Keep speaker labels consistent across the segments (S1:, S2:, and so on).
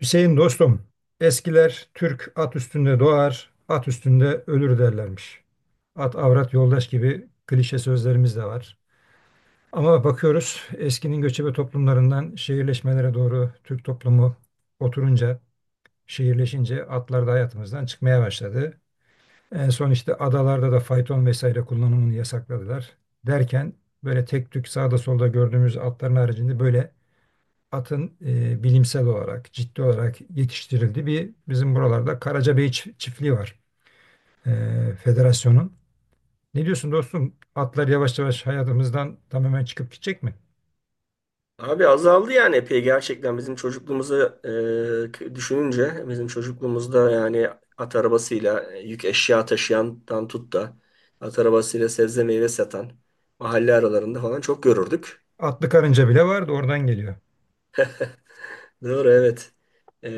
S1: Hüseyin dostum, eskiler Türk at üstünde doğar, at üstünde ölür derlermiş. At avrat yoldaş gibi klişe sözlerimiz de var. Ama bakıyoruz eskinin göçebe toplumlarından şehirleşmelere doğru Türk toplumu oturunca, şehirleşince atlar da hayatımızdan çıkmaya başladı. En son işte adalarda da fayton vesaire kullanımını yasakladılar. Derken böyle tek tük sağda solda gördüğümüz atların haricinde böyle atın bilimsel olarak, ciddi olarak yetiştirildiği bir bizim buralarda Karacabey çiftliği var. Federasyonun. Ne diyorsun dostum? Atlar yavaş yavaş hayatımızdan tamamen çıkıp gidecek mi?
S2: Abi azaldı yani epey gerçekten bizim çocukluğumuzu düşününce bizim çocukluğumuzda yani at arabasıyla yük eşya taşıyandan tut da at arabasıyla sebze meyve satan mahalle aralarında falan çok görürdük.
S1: Atlı karınca bile vardı oradan geliyor.
S2: Doğru, evet. E,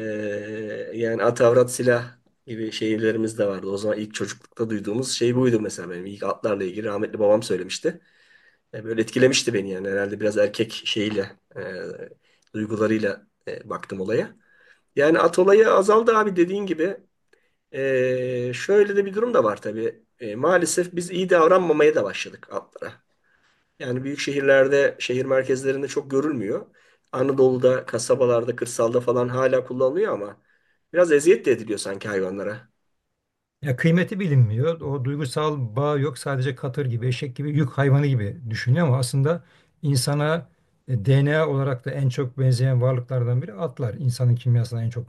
S2: Yani at avrat silah gibi şeylerimiz de vardı. O zaman ilk çocuklukta duyduğumuz şey buydu, mesela benim ilk atlarla ilgili rahmetli babam söylemişti. Böyle etkilemişti beni yani, herhalde biraz erkek şeyiyle, duygularıyla baktım olaya. Yani at olayı azaldı abi, dediğin gibi. Şöyle de bir durum da var tabii. Maalesef biz iyi davranmamaya da başladık atlara. Yani büyük şehirlerde, şehir merkezlerinde çok görülmüyor. Anadolu'da, kasabalarda, kırsalda falan hala kullanılıyor ama biraz eziyet de ediliyor sanki hayvanlara.
S1: Ya kıymeti bilinmiyor. O duygusal bağ yok. Sadece katır gibi, eşek gibi, yük hayvanı gibi düşünüyor ama aslında insana DNA olarak da en çok benzeyen varlıklardan biri atlar. İnsanın kimyasına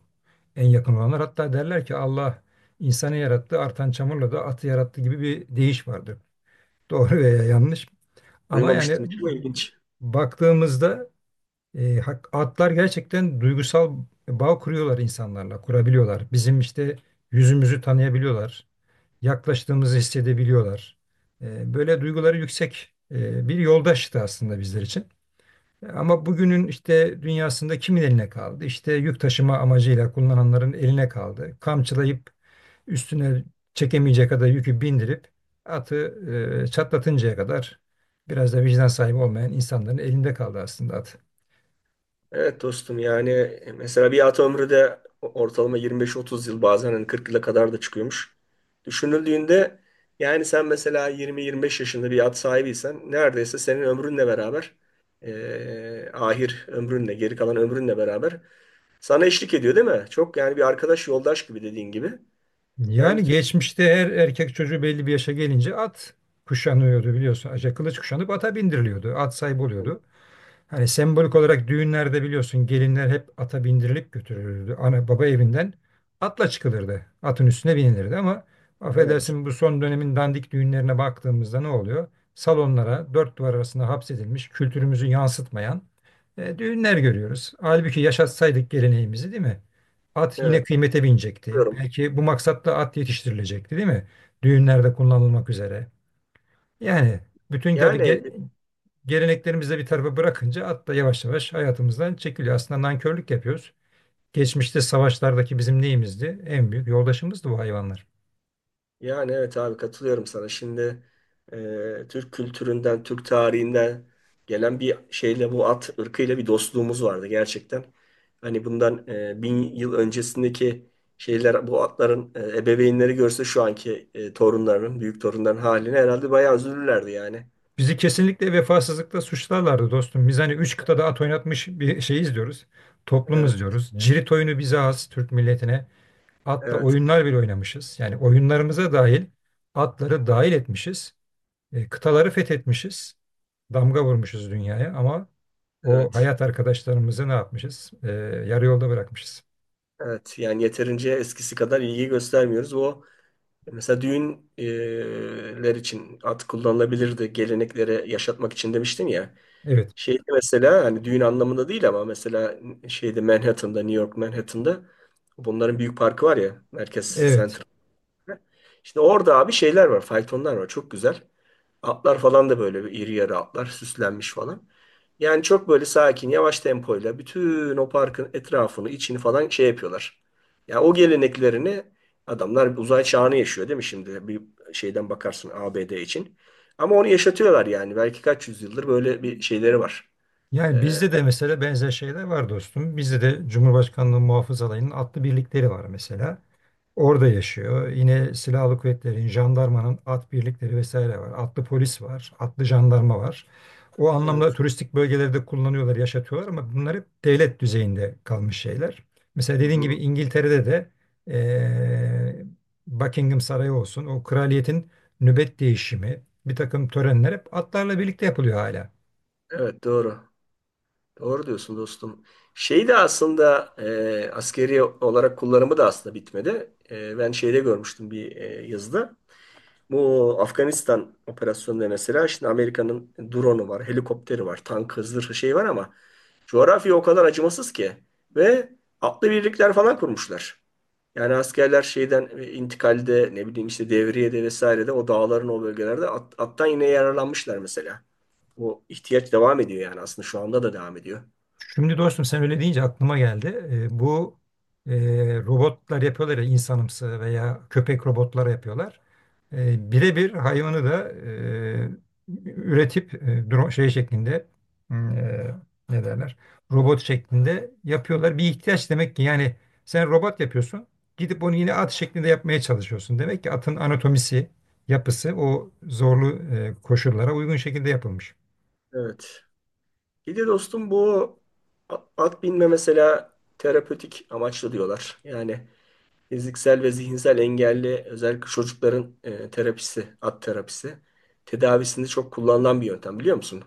S1: en yakın olanlar. Hatta derler ki Allah insanı yarattı, artan çamurla da atı yarattı gibi bir deyiş vardır. Doğru veya yanlış. Ama yani
S2: Duymamıştım. Çok ilginç.
S1: baktığımızda atlar gerçekten duygusal bağ kuruyorlar insanlarla, kurabiliyorlar. Bizim işte yüzümüzü tanıyabiliyorlar, yaklaştığımızı hissedebiliyorlar. Böyle duyguları yüksek bir yoldaştı aslında bizler için. Ama bugünün işte dünyasında kimin eline kaldı? İşte yük taşıma amacıyla kullananların eline kaldı. Kamçılayıp üstüne çekemeyecek kadar yükü bindirip atı çatlatıncaya kadar biraz da vicdan sahibi olmayan insanların elinde kaldı aslında at.
S2: Evet dostum, yani mesela bir at ömrü de ortalama 25-30 yıl, bazen hani 40 yıla kadar da çıkıyormuş. Düşünüldüğünde yani sen mesela 20-25 yaşında bir at sahibiysen, neredeyse senin ömrünle beraber, ahir ömrünle, geri kalan ömrünle beraber sana eşlik ediyor değil mi? Çok yani, bir arkadaş, yoldaş gibi, dediğin gibi. Yani
S1: Yani
S2: Türk-
S1: geçmişte her erkek çocuğu belli bir yaşa gelince at kuşanıyordu biliyorsun. Aca kılıç kuşanıp ata bindiriliyordu. At sahibi oluyordu. Hani sembolik olarak düğünlerde biliyorsun gelinler hep ata bindirilip götürülürdü. Ana baba evinden atla çıkılırdı. Atın üstüne binilirdi ama
S2: evet,
S1: affedersin bu son dönemin dandik düğünlerine baktığımızda ne oluyor? Salonlara dört duvar arasında hapsedilmiş kültürümüzü yansıtmayan düğünler görüyoruz. Halbuki yaşatsaydık geleneğimizi değil mi? At yine
S2: evet,
S1: kıymete binecekti.
S2: biliyorum.
S1: Belki bu maksatla at yetiştirilecekti değil mi? Düğünlerde kullanılmak üzere. Yani bütün tabii
S2: Yani
S1: geleneklerimizi de bir tarafa bırakınca at da yavaş yavaş hayatımızdan çekiliyor. Aslında nankörlük yapıyoruz. Geçmişte savaşlardaki bizim neyimizdi? En büyük yoldaşımızdı bu hayvanlar.
S2: Evet abi, katılıyorum sana. Şimdi Türk kültüründen, Türk tarihinden gelen bir şeyle, bu at ırkıyla bir dostluğumuz vardı gerçekten. Hani bundan bin yıl öncesindeki şeyler, bu atların ebeveynleri görse şu anki torunların, büyük torunların haline herhalde bayağı üzülürlerdi yani.
S1: Bizi kesinlikle vefasızlıkla suçlarlardı dostum. Biz hani üç kıtada at oynatmış bir şeyiz diyoruz. Toplumuz
S2: Evet,
S1: diyoruz. Cirit oyunu bize has Türk milletine. Atla
S2: evet,
S1: oyunlar bile oynamışız. Yani oyunlarımıza dahil atları dahil etmişiz. Kıtaları fethetmişiz. Damga vurmuşuz dünyaya ama o
S2: evet.
S1: hayat arkadaşlarımızı ne yapmışız? Yarı yolda bırakmışız.
S2: Evet, yani yeterince eskisi kadar ilgi göstermiyoruz. O, mesela düğünler için at kullanılabilirdi. Geleneklere yaşatmak için demiştim ya.
S1: Evet,
S2: Şeyde mesela, hani düğün anlamında değil ama mesela şeyde Manhattan'da, New York Manhattan'da bunların büyük parkı var ya, Merkez
S1: evet.
S2: Center. Şimdi orada abi şeyler var, faytonlar var. Çok güzel. Atlar falan da böyle iri yarı atlar, süslenmiş falan. Yani çok böyle sakin, yavaş tempoyla bütün o parkın etrafını, içini falan şey yapıyorlar. Ya o geleneklerini, adamlar uzay çağını yaşıyor değil mi şimdi? Bir şeyden bakarsın ABD için. Ama onu yaşatıyorlar yani. Belki kaç yüzyıldır böyle bir şeyleri var.
S1: Yani
S2: Ee,
S1: bizde de mesela benzer şeyler var dostum. Bizde de Cumhurbaşkanlığı Muhafız Alayı'nın atlı birlikleri var mesela. Orada yaşıyor. Yine silahlı kuvvetlerin, jandarmanın at birlikleri vesaire var. Atlı polis var, atlı jandarma var. O
S2: Evet.
S1: anlamda turistik bölgelerde kullanıyorlar, yaşatıyorlar ama bunlar hep devlet düzeyinde kalmış şeyler. Mesela
S2: Hı
S1: dediğin gibi
S2: hı.
S1: İngiltere'de de eee, Buckingham Sarayı olsun, o kraliyetin nöbet değişimi, bir takım törenler hep atlarla birlikte yapılıyor hala.
S2: Evet, doğru. Doğru diyorsun dostum. Şey de aslında askeri olarak kullanımı da aslında bitmedi. E, ben şeyde görmüştüm bir yazıda. Bu Afganistan operasyonunda mesela şimdi Amerika'nın drone'u var, helikopteri var, tank hızlı şey var ama coğrafya o kadar acımasız ki, ve atlı birlikler falan kurmuşlar. Yani askerler şeyden intikalde, ne bileyim işte devriyede, vesairede o dağların, o bölgelerde attan yine yararlanmışlar mesela. Bu ihtiyaç devam ediyor yani, aslında şu anda da devam ediyor.
S1: Şimdi dostum sen öyle deyince aklıma geldi. Bu Robotlar yapıyorlar ya insanımsı veya köpek robotları yapıyorlar. Birebir hayvanı da üretip drone şey şeklinde e, ne derler robot şeklinde yapıyorlar. Bir ihtiyaç demek ki yani sen robot yapıyorsun gidip onu yine at şeklinde yapmaya çalışıyorsun. Demek ki atın anatomisi yapısı o zorlu koşullara uygun şekilde yapılmış.
S2: Evet. Bir de dostum bu at binme mesela terapötik amaçlı diyorlar. Yani fiziksel ve zihinsel engelli özellikle çocukların terapisi, at terapisi tedavisinde çok kullanılan bir yöntem, biliyor musun?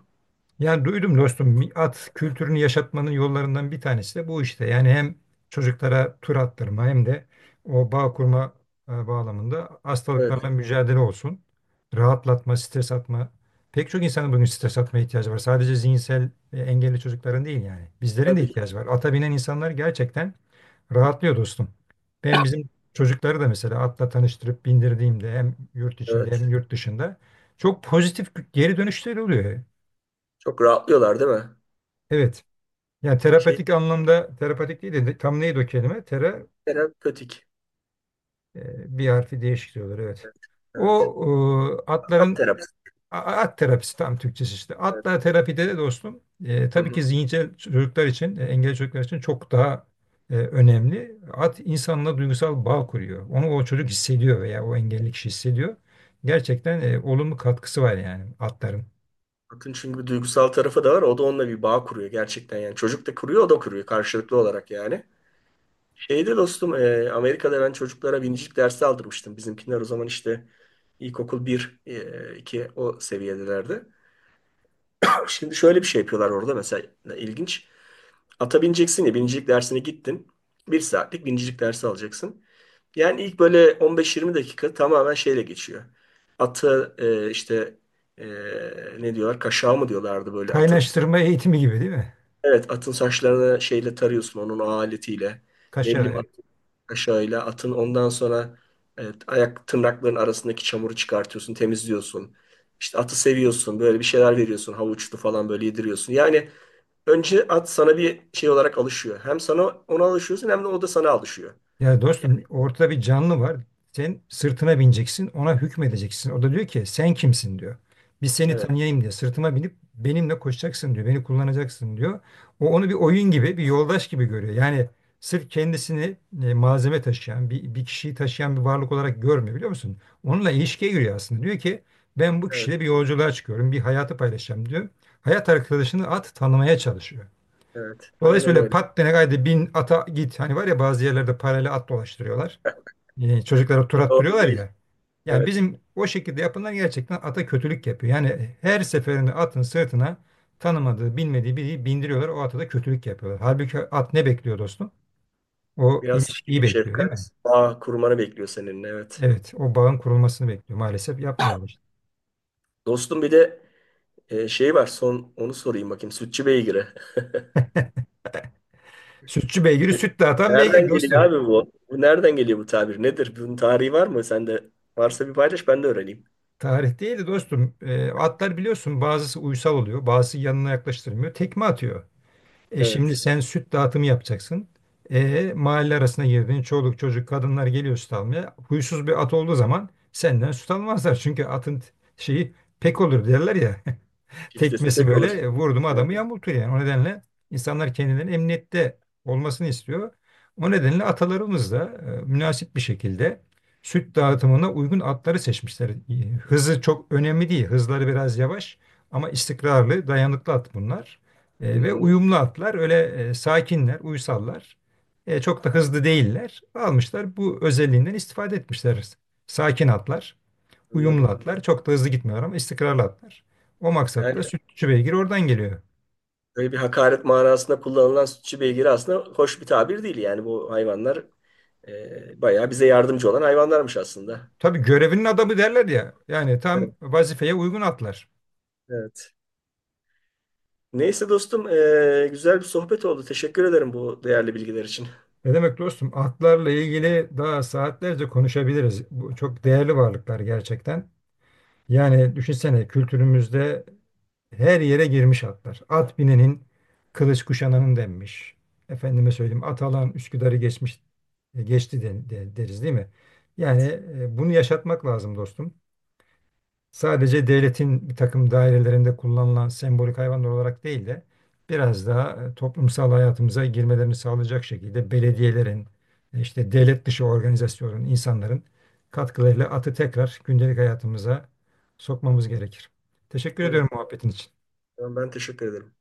S1: Yani duydum dostum at kültürünü yaşatmanın yollarından bir tanesi de bu işte. Yani hem çocuklara tur attırma hem de o bağ kurma bağlamında
S2: Evet,
S1: hastalıklarla mücadele olsun. Rahatlatma, stres atma. Pek çok insanın bugün stres atma ihtiyacı var. Sadece zihinsel engelli çocukların değil yani. Bizlerin de
S2: tabii.
S1: ihtiyacı var. Ata binen insanlar gerçekten rahatlıyor dostum. Ben bizim çocukları da mesela atla tanıştırıp bindirdiğimde hem yurt içinde
S2: Evet.
S1: hem yurt dışında çok pozitif geri dönüşleri oluyor.
S2: Çok rahatlıyorlar değil mi?
S1: Evet. Yani
S2: Şey,
S1: terapetik anlamda terapetik değil de tam neydi o kelime? Tera
S2: terapötik.
S1: bir harfi değişik diyorlar evet. O
S2: Evet. At
S1: atların
S2: terapisi.
S1: at terapisi tam Türkçesi işte. Atla
S2: Evet.
S1: terapide de dostum
S2: Hı
S1: tabii
S2: hı.
S1: ki zihinsel çocuklar için engelli çocuklar için çok daha önemli. At insanla duygusal bağ kuruyor. Onu o çocuk hissediyor veya o engelli kişi hissediyor. Gerçekten olumlu katkısı var yani atların.
S2: Atın çünkü bir duygusal tarafı da var. O da onunla bir bağ kuruyor gerçekten yani. Çocuk da kuruyor, o da kuruyor karşılıklı olarak yani. Şeyde dostum, Amerika'da ben çocuklara binicilik dersi aldırmıştım. Bizimkiler o zaman işte ilkokul 1, 2 o seviyedelerdi. Şimdi şöyle bir şey yapıyorlar orada, mesela ilginç. Ata bineceksin ya, binicilik dersine gittin. Bir saatlik binicilik dersi alacaksın. Yani ilk böyle 15-20 dakika tamamen şeyle geçiyor. Atı işte e, ne diyorlar? Kaşağı mı diyorlardı böyle atı?
S1: Kaynaştırma eğitimi gibi değil mi?
S2: Evet, atın saçlarını şeyle tarıyorsun, onun o aletiyle. Ne bileyim
S1: Kaşa
S2: at Şöyle atın ondan sonra, evet, ayak tırnakların arasındaki çamuru çıkartıyorsun, temizliyorsun. İşte atı seviyorsun, böyle bir şeyler veriyorsun, havuçlu falan böyle yediriyorsun. Yani önce at sana bir şey olarak alışıyor. Hem sana, ona alışıyorsun, hem de o da sana alışıyor.
S1: ya dostum ortada bir canlı var. Sen sırtına bineceksin, ona hükmedeceksin. O da diyor ki sen kimsin diyor. Biz seni
S2: Evet,
S1: tanıyayım diye sırtıma binip benimle koşacaksın diyor. Beni kullanacaksın diyor. O onu bir oyun gibi, bir yoldaş gibi görüyor. Yani sırf kendisini malzeme taşıyan, bir kişiyi taşıyan bir varlık olarak görmüyor biliyor musun? Onunla ilişkiye giriyor aslında. Diyor ki ben bu
S2: evet,
S1: kişiyle bir yolculuğa çıkıyorum, bir hayatı paylaşacağım diyor. Hayat arkadaşını at tanımaya çalışıyor.
S2: evet. Aynen
S1: Dolayısıyla öyle
S2: öyle.
S1: pat dene gaydi bin ata git. Hani var ya bazı yerlerde paralel at dolaştırıyorlar. Çocuklara tur
S2: Doğru
S1: attırıyorlar
S2: değil.
S1: ya. Yani
S2: Evet.
S1: bizim o şekilde yapılan gerçekten ata kötülük yapıyor. Yani her seferinde atın sırtına tanımadığı, bilmediği biri bindiriyorlar. O ata da kötülük yapıyorlar. Halbuki at ne bekliyor dostum? O
S2: Biraz
S1: ilişkiyi
S2: sevgi,
S1: bekliyor değil mi?
S2: şefkat, bağ kurmanı bekliyor senin. Evet.
S1: Evet, o bağın kurulmasını bekliyor. Maalesef yapmıyorlar işte.
S2: Dostum bir de şey var. Son onu sorayım bakayım. Sütçü beygiri.
S1: Sütçü beygiri süt dağıtan beygir
S2: Nereden geliyor
S1: dostum.
S2: abi bu? Bu nereden geliyor, bu tabir? Nedir? Bunun tarihi var mı? Sen de varsa bir paylaş, ben de öğreneyim.
S1: Tarih değil de dostum. Atlar biliyorsun bazısı uysal oluyor, bazısı yanına yaklaştırmıyor. Tekme atıyor. E şimdi
S2: Evet.
S1: sen süt dağıtımı yapacaksın. E mahalle arasına girdin. Çoluk çocuk kadınlar geliyor süt almaya. Huysuz bir at olduğu zaman senden süt almazlar. Çünkü atın t- şeyi pek olur derler ya
S2: Çiftesi
S1: tekmesi
S2: pek olur.
S1: böyle vurdu mu
S2: Evet.
S1: adamı yamultuyor yani. O nedenle insanlar kendilerinin emniyette olmasını istiyor. O nedenle atalarımız da münasip bir şekilde süt dağıtımına uygun atları seçmişler. E, hızı çok önemli değil. Hızları biraz yavaş ama istikrarlı, dayanıklı at bunlar. Ve
S2: Hı-hı.
S1: uyumlu atlar öyle sakinler, uysallar. Çok da hızlı değiller. Almışlar bu özelliğinden istifade etmişler. Sakin atlar. Uyumlu
S2: Anladım.
S1: atlar. Çok da hızlı gitmiyorlar ama istikrarlı atlar. O
S2: Yani
S1: maksatla sütçü beygir oradan geliyor.
S2: böyle bir hakaret manasında kullanılan sütçü beygiri aslında hoş bir tabir değil. Yani bu hayvanlar bayağı bize yardımcı olan hayvanlarmış aslında.
S1: Tabii görevinin adamı derler ya. Yani tam
S2: Evet.
S1: vazifeye uygun atlar.
S2: Evet. Neyse dostum, güzel bir sohbet oldu. Teşekkür ederim bu değerli bilgiler için.
S1: Ne demek dostum? Atlarla ilgili daha saatlerce konuşabiliriz. Bu çok değerli varlıklar gerçekten. Yani düşünsene kültürümüzde her yere girmiş atlar. At binenin kılıç kuşananın denmiş. Efendime söyleyeyim at alan Üsküdar'ı geçmiş geçti deriz değil mi? Yani bunu yaşatmak lazım dostum. Sadece devletin bir takım dairelerinde kullanılan sembolik hayvanlar olarak değil de biraz daha toplumsal hayatımıza girmelerini sağlayacak şekilde belediyelerin, işte devlet dışı organizasyonların, insanların katkılarıyla atı tekrar gündelik hayatımıza sokmamız gerekir. Teşekkür
S2: Evet.
S1: ediyorum muhabbetin için.
S2: Ben teşekkür ederim.